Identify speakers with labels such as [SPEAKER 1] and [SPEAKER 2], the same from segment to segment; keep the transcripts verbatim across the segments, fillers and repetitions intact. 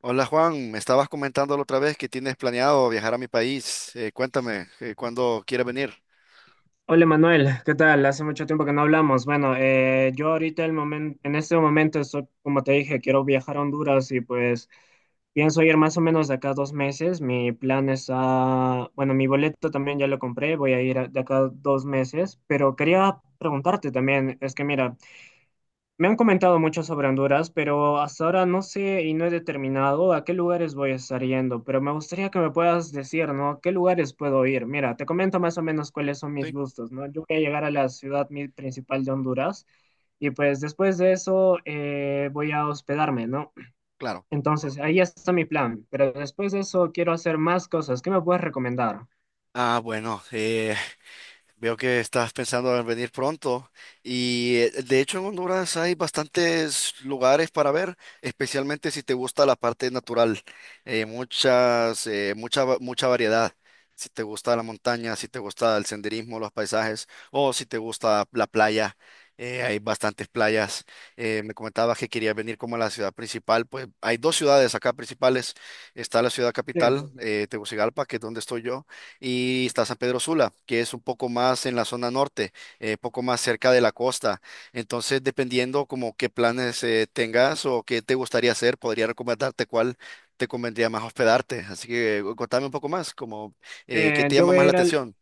[SPEAKER 1] Hola Juan, me estabas comentando la otra vez que tienes planeado viajar a mi país. Eh, cuéntame, eh, ¿cuándo quieres venir?
[SPEAKER 2] Hola Manuel, ¿qué tal? Hace mucho tiempo que no hablamos. Bueno, eh, yo ahorita el momento, en este momento estoy, como te dije, quiero viajar a Honduras y pues pienso ir más o menos de acá a dos meses. Mi plan es a, bueno, mi boleto también ya lo compré, voy a ir a- de acá a dos meses, pero quería preguntarte también, es que mira, me han comentado mucho sobre Honduras, pero hasta ahora no sé y no he determinado a qué lugares voy a estar yendo, pero me gustaría que me puedas decir, ¿no? ¿A qué lugares puedo ir? Mira, te comento más o menos cuáles son mis
[SPEAKER 1] Sí,
[SPEAKER 2] gustos, ¿no? Yo voy a llegar a la ciudad mi- principal de Honduras y pues después de eso eh, voy a hospedarme, ¿no?
[SPEAKER 1] claro.
[SPEAKER 2] Entonces, ahí está mi plan, pero después de eso quiero hacer más cosas. ¿Qué me puedes recomendar?
[SPEAKER 1] Ah, bueno, eh, Veo que estás pensando en venir pronto y eh, de hecho en Honduras hay bastantes lugares para ver, especialmente si te gusta la parte natural. Eh, muchas, eh, mucha, va- mucha variedad. Si te gusta la montaña, si te gusta el senderismo, los paisajes, o si te gusta la playa, eh, hay bastantes playas. Eh, me comentabas que querías venir como a la ciudad principal. Pues hay dos ciudades acá principales. Está la ciudad
[SPEAKER 2] Sí, sí,
[SPEAKER 1] capital,
[SPEAKER 2] sí.
[SPEAKER 1] eh, Tegucigalpa, que es donde estoy yo, y está San Pedro Sula, que es un poco más en la zona norte, eh, poco más cerca de la costa. Entonces, dependiendo como qué planes eh, tengas o qué te gustaría hacer, podría recomendarte cuál te convendría más hospedarte. Así que eh, contame un poco más, como eh, qué
[SPEAKER 2] Eh,
[SPEAKER 1] te
[SPEAKER 2] yo
[SPEAKER 1] llama
[SPEAKER 2] voy
[SPEAKER 1] más
[SPEAKER 2] a
[SPEAKER 1] la
[SPEAKER 2] ir al.
[SPEAKER 1] atención.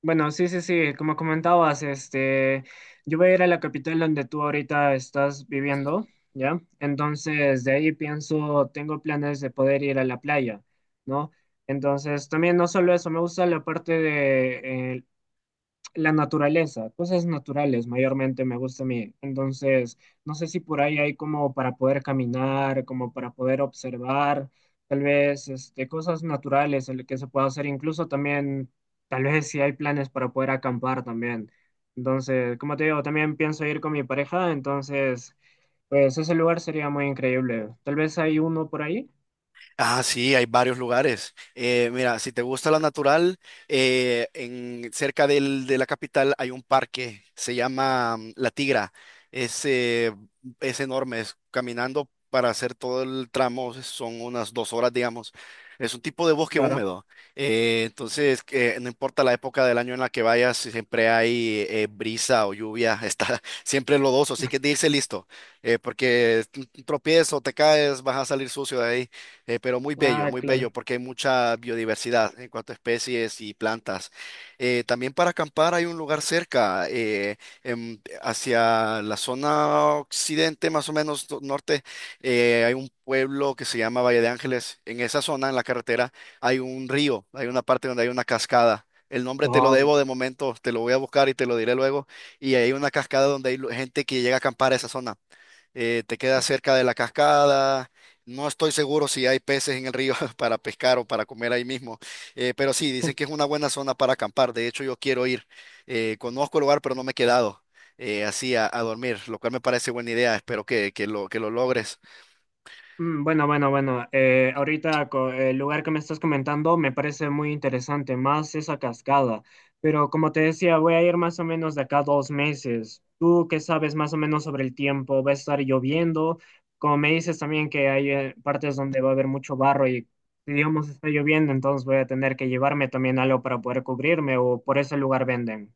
[SPEAKER 2] Bueno, sí, sí, sí, como comentabas, este, yo voy a ir a la capital donde tú ahorita estás viviendo, ¿ya? Entonces, de ahí pienso, tengo planes de poder ir a la playa, ¿no? Entonces, también no solo eso, me gusta la parte de eh, la naturaleza, cosas naturales mayormente me gusta a mí. Entonces, no sé si por ahí hay como para poder caminar, como para poder observar, tal vez este, cosas naturales en las que se pueda hacer, incluso también, tal vez si hay planes para poder acampar también. Entonces, como te digo, también pienso ir con mi pareja, entonces, pues ese lugar sería muy increíble. Tal vez hay uno por ahí,
[SPEAKER 1] Ah, sí, hay varios lugares. Eh, mira, si te gusta la natural, eh, en, cerca del- de la capital hay un parque, se llama mm, La Tigra. Es, eh, es enorme, es caminando para hacer todo el tramo, son unas dos horas, digamos. Es un tipo de bosque
[SPEAKER 2] claro.
[SPEAKER 1] húmedo. Eh, entonces, que no importa la época del año en la que vayas, siempre hay eh, brisa o lluvia, está siempre lodoso, así que de irse listo, eh, porque un un tropiezo, te caes, vas a salir sucio de ahí. Eh, pero muy bello,
[SPEAKER 2] Ah,
[SPEAKER 1] muy
[SPEAKER 2] claro.
[SPEAKER 1] bello, porque hay mucha biodiversidad en cuanto a especies y plantas. Eh, también para acampar hay un lugar cerca, eh, em, hacia la zona occidente, más o menos do- norte. Eh, hay un pueblo que se llama Valle de Ángeles. En esa zona, en la carretera, hay un río, hay una parte donde hay una cascada. El nombre te lo debo de momento, te lo voy a buscar y te lo diré luego. Y hay una cascada donde hay lu- gente que llega a acampar a esa zona. Eh, te queda cerca de la cascada. No estoy seguro si hay peces en el río para pescar o para comer ahí mismo, eh, pero sí, dicen que es una buena zona para acampar. De hecho, yo quiero ir. Eh, conozco el lugar, pero no me he quedado eh, así a, a dormir, lo cual me parece buena idea. Espero que, que lo, que lo logres.
[SPEAKER 2] Mm, bueno, bueno, bueno. Eh, ahorita co- el lugar que me estás comentando me parece muy interesante, más esa cascada. Pero como te decía, voy a ir más o menos de acá a dos meses. ¿Tú qué sabes más o menos sobre el tiempo? ¿Va a estar lloviendo? Como me dices también que hay eh, partes donde va a haber mucho barro y digamos está lloviendo, entonces voy a tener que llevarme también algo para poder cubrirme o por ese lugar venden.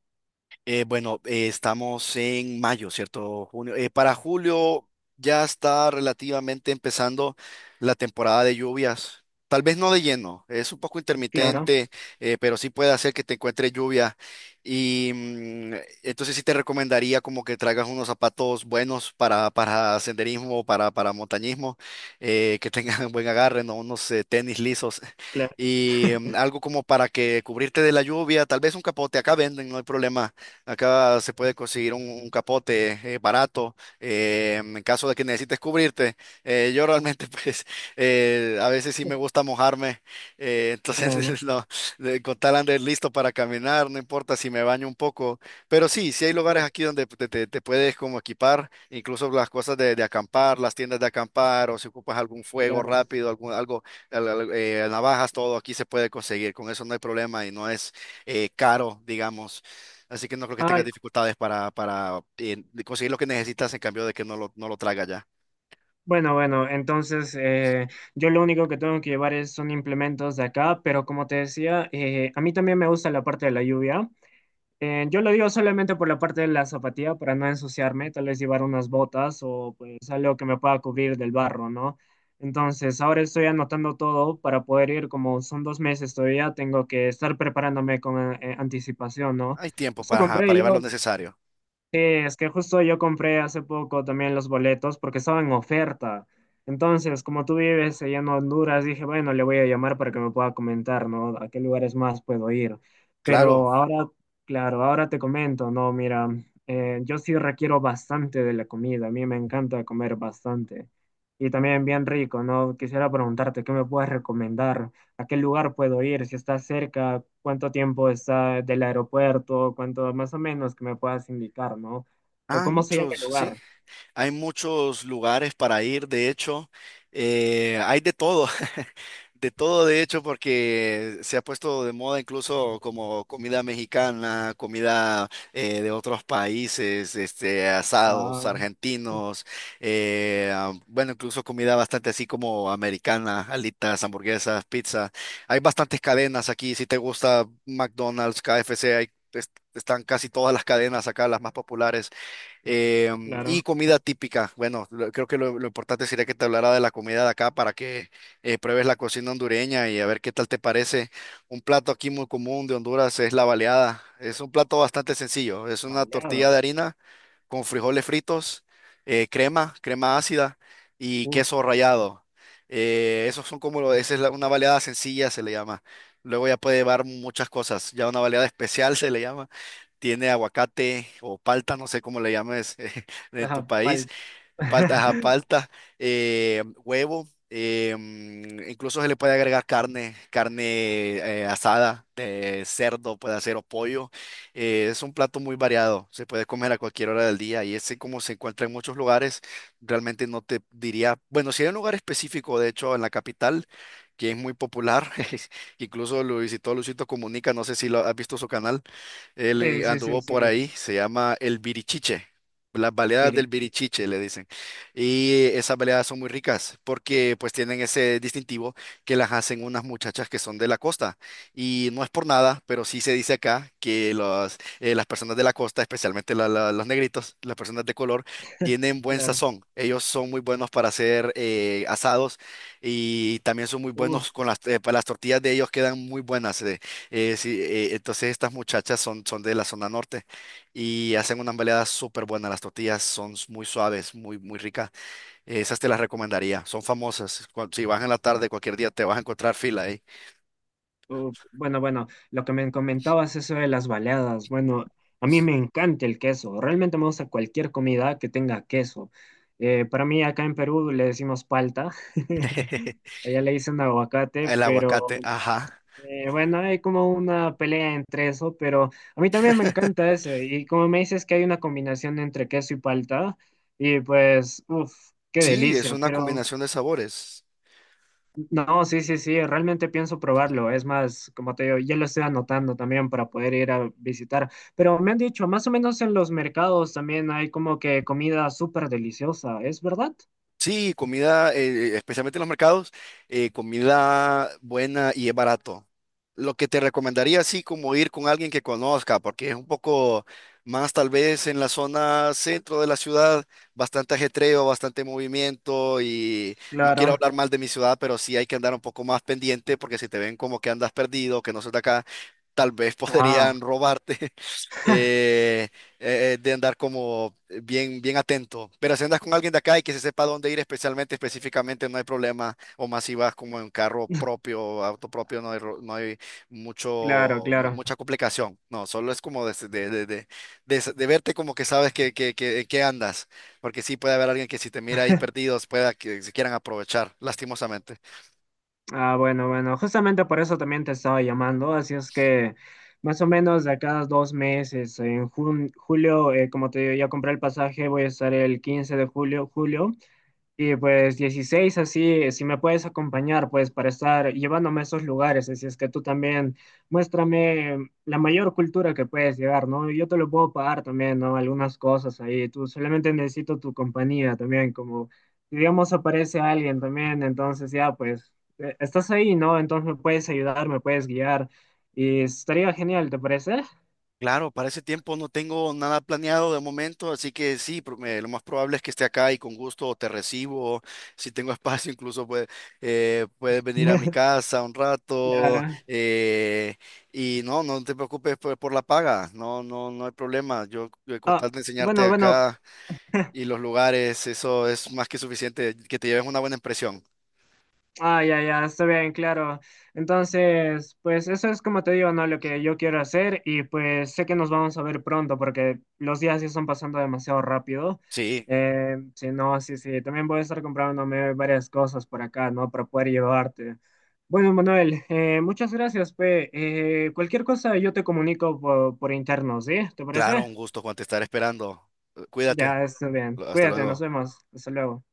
[SPEAKER 1] Eh, bueno, eh, Estamos en mayo, ¿cierto? Junio. Eh, para julio ya está relativamente empezando la temporada de lluvias. Tal vez no de lleno, es un poco
[SPEAKER 2] Claro.
[SPEAKER 1] intermitente, eh, pero sí puede hacer que te encuentre lluvia. Y mm, entonces sí te recomendaría como que traigas unos zapatos buenos para, para senderismo, para, para montañismo, eh, que tengan buen agarre, ¿no? Unos eh, tenis lisos
[SPEAKER 2] Claro,
[SPEAKER 1] y mm, algo como para que cubrirte de la lluvia, tal vez un capote. Acá venden, no hay problema. Acá se puede conseguir un, un capote eh, barato eh, en caso de que necesites cubrirte. Eh, yo realmente, pues, eh, a veces sí me gusta mojarme. Eh,
[SPEAKER 2] bueno,
[SPEAKER 1] entonces, no, de- con tal andar listo para caminar, no importa si me baño un poco. Pero sí, sí hay lugares
[SPEAKER 2] muy
[SPEAKER 1] aquí donde te, te- te puedes como equipar, incluso las cosas de, de acampar, las tiendas de acampar, o si ocupas algún fuego
[SPEAKER 2] claro.
[SPEAKER 1] rápido, algún, algo, al- al- eh, navajas, todo aquí se puede conseguir. Con eso no hay problema y no es eh, caro, digamos. Así que no creo que tengas
[SPEAKER 2] Ay.
[SPEAKER 1] dificultades para, para eh, conseguir lo que necesitas en cambio de que no lo, no lo traga ya.
[SPEAKER 2] Bueno, bueno, entonces eh, yo lo único que tengo que llevar es, son implementos de acá, pero como te decía, eh, a mí también me gusta la parte de la lluvia. Eh, yo lo digo solamente por la parte de la zapatilla para no ensuciarme, tal vez llevar unas botas o pues algo que me pueda cubrir del barro, ¿no? Entonces ahora estoy anotando todo para poder ir, como son dos meses todavía, tengo que estar preparándome con eh, anticipación, ¿no?
[SPEAKER 1] Hay tiempo
[SPEAKER 2] Eso
[SPEAKER 1] para, ajá,
[SPEAKER 2] compré
[SPEAKER 1] para llevar lo
[SPEAKER 2] yo.
[SPEAKER 1] necesario.
[SPEAKER 2] Sí, es que justo yo compré hace poco también los boletos porque estaba en oferta. Entonces, como tú vives allá en Honduras, dije, bueno, le voy a llamar para que me pueda comentar, ¿no? ¿A qué lugares más puedo ir?
[SPEAKER 1] Claro.
[SPEAKER 2] Pero ahora, claro, ahora te comento, ¿no? Mira, eh, yo sí requiero bastante de la comida, a mí me encanta comer bastante. Y también bien rico, ¿no? Quisiera preguntarte, ¿qué me puedes recomendar? ¿A qué lugar puedo ir, si está cerca, cuánto tiempo está del aeropuerto, cuánto más o menos que me puedas indicar, ¿no? O
[SPEAKER 1] Ah, hay
[SPEAKER 2] cómo se llama
[SPEAKER 1] muchos,
[SPEAKER 2] el
[SPEAKER 1] sí.
[SPEAKER 2] lugar.
[SPEAKER 1] Hay muchos lugares para ir, de hecho. Eh, hay de todo, de todo, de hecho, porque se ha puesto de moda incluso como comida mexicana, comida eh, de otros países, este, asados
[SPEAKER 2] Ah,
[SPEAKER 1] argentinos, eh, ah, bueno, incluso comida bastante así como americana, alitas, hamburguesas, pizza. Hay bastantes cadenas aquí, si te gusta McDonald's, K F C, hay, es- están casi todas las cadenas acá, las más populares, eh, y
[SPEAKER 2] claro.
[SPEAKER 1] comida típica. Bueno, lo- creo que lo, lo importante sería que te hablara de la comida de acá para que eh, pruebes la cocina hondureña y a ver qué tal te parece. Un plato aquí muy común de Honduras es la baleada. Es un plato bastante sencillo. Es una
[SPEAKER 2] Baleada.
[SPEAKER 1] tortilla de harina con frijoles fritos, eh, crema, crema ácida y
[SPEAKER 2] Uf,
[SPEAKER 1] queso rallado. Eh, esos son como, lo- esa es la- una baleada sencilla, se le llama. Luego ya puede llevar muchas cosas. Ya una baleada especial se le llama, tiene aguacate o palta, no sé cómo le llames en tu
[SPEAKER 2] ajá,
[SPEAKER 1] país,
[SPEAKER 2] palta.
[SPEAKER 1] palta, ajá, palta, eh, huevo, eh, mm, incluso se le puede agregar carne, carne eh, asada, de cerdo, puede hacer o pollo. Eh, es un plato muy variado, se puede comer a cualquier hora del día, y ese como se encuentra en muchos lugares. Realmente no te diría, bueno, si hay un lugar específico. De hecho, en la capital, que es muy popular, incluso lo visitó Luisito Comunica, no sé si lo has visto su canal. Él
[SPEAKER 2] Sí,
[SPEAKER 1] eh,
[SPEAKER 2] sí, sí,
[SPEAKER 1] anduvo
[SPEAKER 2] sí,
[SPEAKER 1] por
[SPEAKER 2] Pi-.
[SPEAKER 1] ahí, se llama El Birichiche. Las baleadas del
[SPEAKER 2] Pirichi,
[SPEAKER 1] Birichiche le dicen. Y esas baleadas son muy ricas porque pues tienen ese distintivo, que las hacen unas muchachas que son de la costa. Y no es por nada, pero sí se dice acá que los, eh, las personas de la costa, especialmente la- la- los negritos, las personas de color, tienen buen
[SPEAKER 2] claro.
[SPEAKER 1] sazón. Ellos son muy buenos para hacer eh, asados, y también son muy
[SPEAKER 2] Uf,
[SPEAKER 1] buenos con las, eh, para las tortillas de ellos, quedan muy buenas. eh. Eh, sí, eh, entonces estas muchachas son, son de la zona norte y hacen unas baleadas súper buenas. Las tortillas son s- muy suaves, muy, muy ricas. Eh, esas te las recomendaría. Son famosas. Cu- Si vas en la tarde, cualquier día te vas a encontrar fila ahí.
[SPEAKER 2] uf. Bueno, bueno, lo que me comentabas eso de las baleadas, bueno, a mí me encanta el queso, realmente me gusta cualquier comida que tenga queso. Eh, para mí acá en Perú le decimos palta. Allá le dicen aguacate,
[SPEAKER 1] El aguacate,
[SPEAKER 2] pero
[SPEAKER 1] ajá.
[SPEAKER 2] eh, bueno, hay como una pelea entre eso, pero a mí también me encanta ese. Y como me dices que hay una combinación entre queso y palta, y pues, uff, qué
[SPEAKER 1] Sí, es
[SPEAKER 2] delicia.
[SPEAKER 1] una
[SPEAKER 2] Pero
[SPEAKER 1] combinación de sabores.
[SPEAKER 2] no, sí, sí, sí, realmente pienso probarlo. Es más, como te digo, ya lo estoy anotando también para poder ir a visitar. Pero me han dicho, más o menos en los mercados también hay como que comida súper deliciosa, ¿es verdad?
[SPEAKER 1] Sí, comida, eh, especialmente en los mercados, eh, comida buena y es barato. Lo que te recomendaría, así como ir con alguien que conozca, porque es un poco más tal vez en la zona centro de la ciudad, bastante ajetreo, bastante movimiento, y no quiero
[SPEAKER 2] Claro.
[SPEAKER 1] hablar mal de mi ciudad, pero sí hay que andar un poco más pendiente, porque si te ven como que andas perdido, que no sos de acá, tal vez
[SPEAKER 2] Ah,
[SPEAKER 1] podrían robarte. Eh, eh, de andar como bien, bien atento. Pero si andas con alguien de acá y que se sepa dónde ir especialmente, específicamente, no hay problema. O más si vas como en carro propio, auto propio, no hay, ro- no hay
[SPEAKER 2] claro,
[SPEAKER 1] mucho, mu-
[SPEAKER 2] claro.
[SPEAKER 1] mucha complicación. No, solo es como de, de, de, de- de s- de verte como que sabes que, que, que en qué andas. Porque sí puede haber alguien que si te mira ahí perdidos, pueda que se quieran aprovechar, lastimosamente.
[SPEAKER 2] Ah, bueno, bueno, justamente por eso también te estaba llamando, así es que más o menos de cada dos meses, en jun- julio, eh, como te digo, ya compré el pasaje, voy a estar el quince de julio, julio, y pues dieciséis así, si me puedes acompañar, pues para estar llevándome a esos lugares, así es que tú también muéstrame la mayor cultura que puedes llegar, ¿no? Yo te lo puedo pagar también, ¿no? Algunas cosas ahí, tú solamente necesito tu compañía también, como si digamos aparece alguien también, entonces ya pues eh, estás ahí, ¿no? Entonces me puedes ayudar, me puedes guiar y estaría genial, ¿te parece?
[SPEAKER 1] Claro, para ese tiempo no tengo nada planeado de momento, así que sí, pro- me- lo más probable es que esté acá, y con gusto te recibo. Si tengo espacio, incluso puede- eh, puedes venir a mi casa un rato.
[SPEAKER 2] Claro.
[SPEAKER 1] Eh, y no, no te preocupes por, por la paga, no, no, no hay problema. Yo, eh, con
[SPEAKER 2] Ah,
[SPEAKER 1] tal de enseñarte
[SPEAKER 2] bueno, bueno.
[SPEAKER 1] acá y los lugares, eso es más que suficiente, que te lleves una buena impresión.
[SPEAKER 2] Ah, ya, ya, está bien, claro. Entonces, pues eso es como te digo, ¿no? Lo que yo quiero hacer y pues sé que nos vamos a ver pronto porque los días ya están pasando demasiado rápido.
[SPEAKER 1] Sí,
[SPEAKER 2] Eh, sí, no, sí, sí, también voy a estar comprándome varias cosas por acá, ¿no? Para poder llevarte. Bueno, Manuel, eh, muchas gracias, pe. Eh, cualquier cosa yo te comunico por, por interno, ¿sí? ¿Te
[SPEAKER 1] claro,
[SPEAKER 2] parece?
[SPEAKER 1] un gusto, Juan, te estaré esperando. Eh, Cuídate,
[SPEAKER 2] Ya, está bien.
[SPEAKER 1] lo- hasta
[SPEAKER 2] Cuídate, nos
[SPEAKER 1] luego.
[SPEAKER 2] vemos. Hasta luego.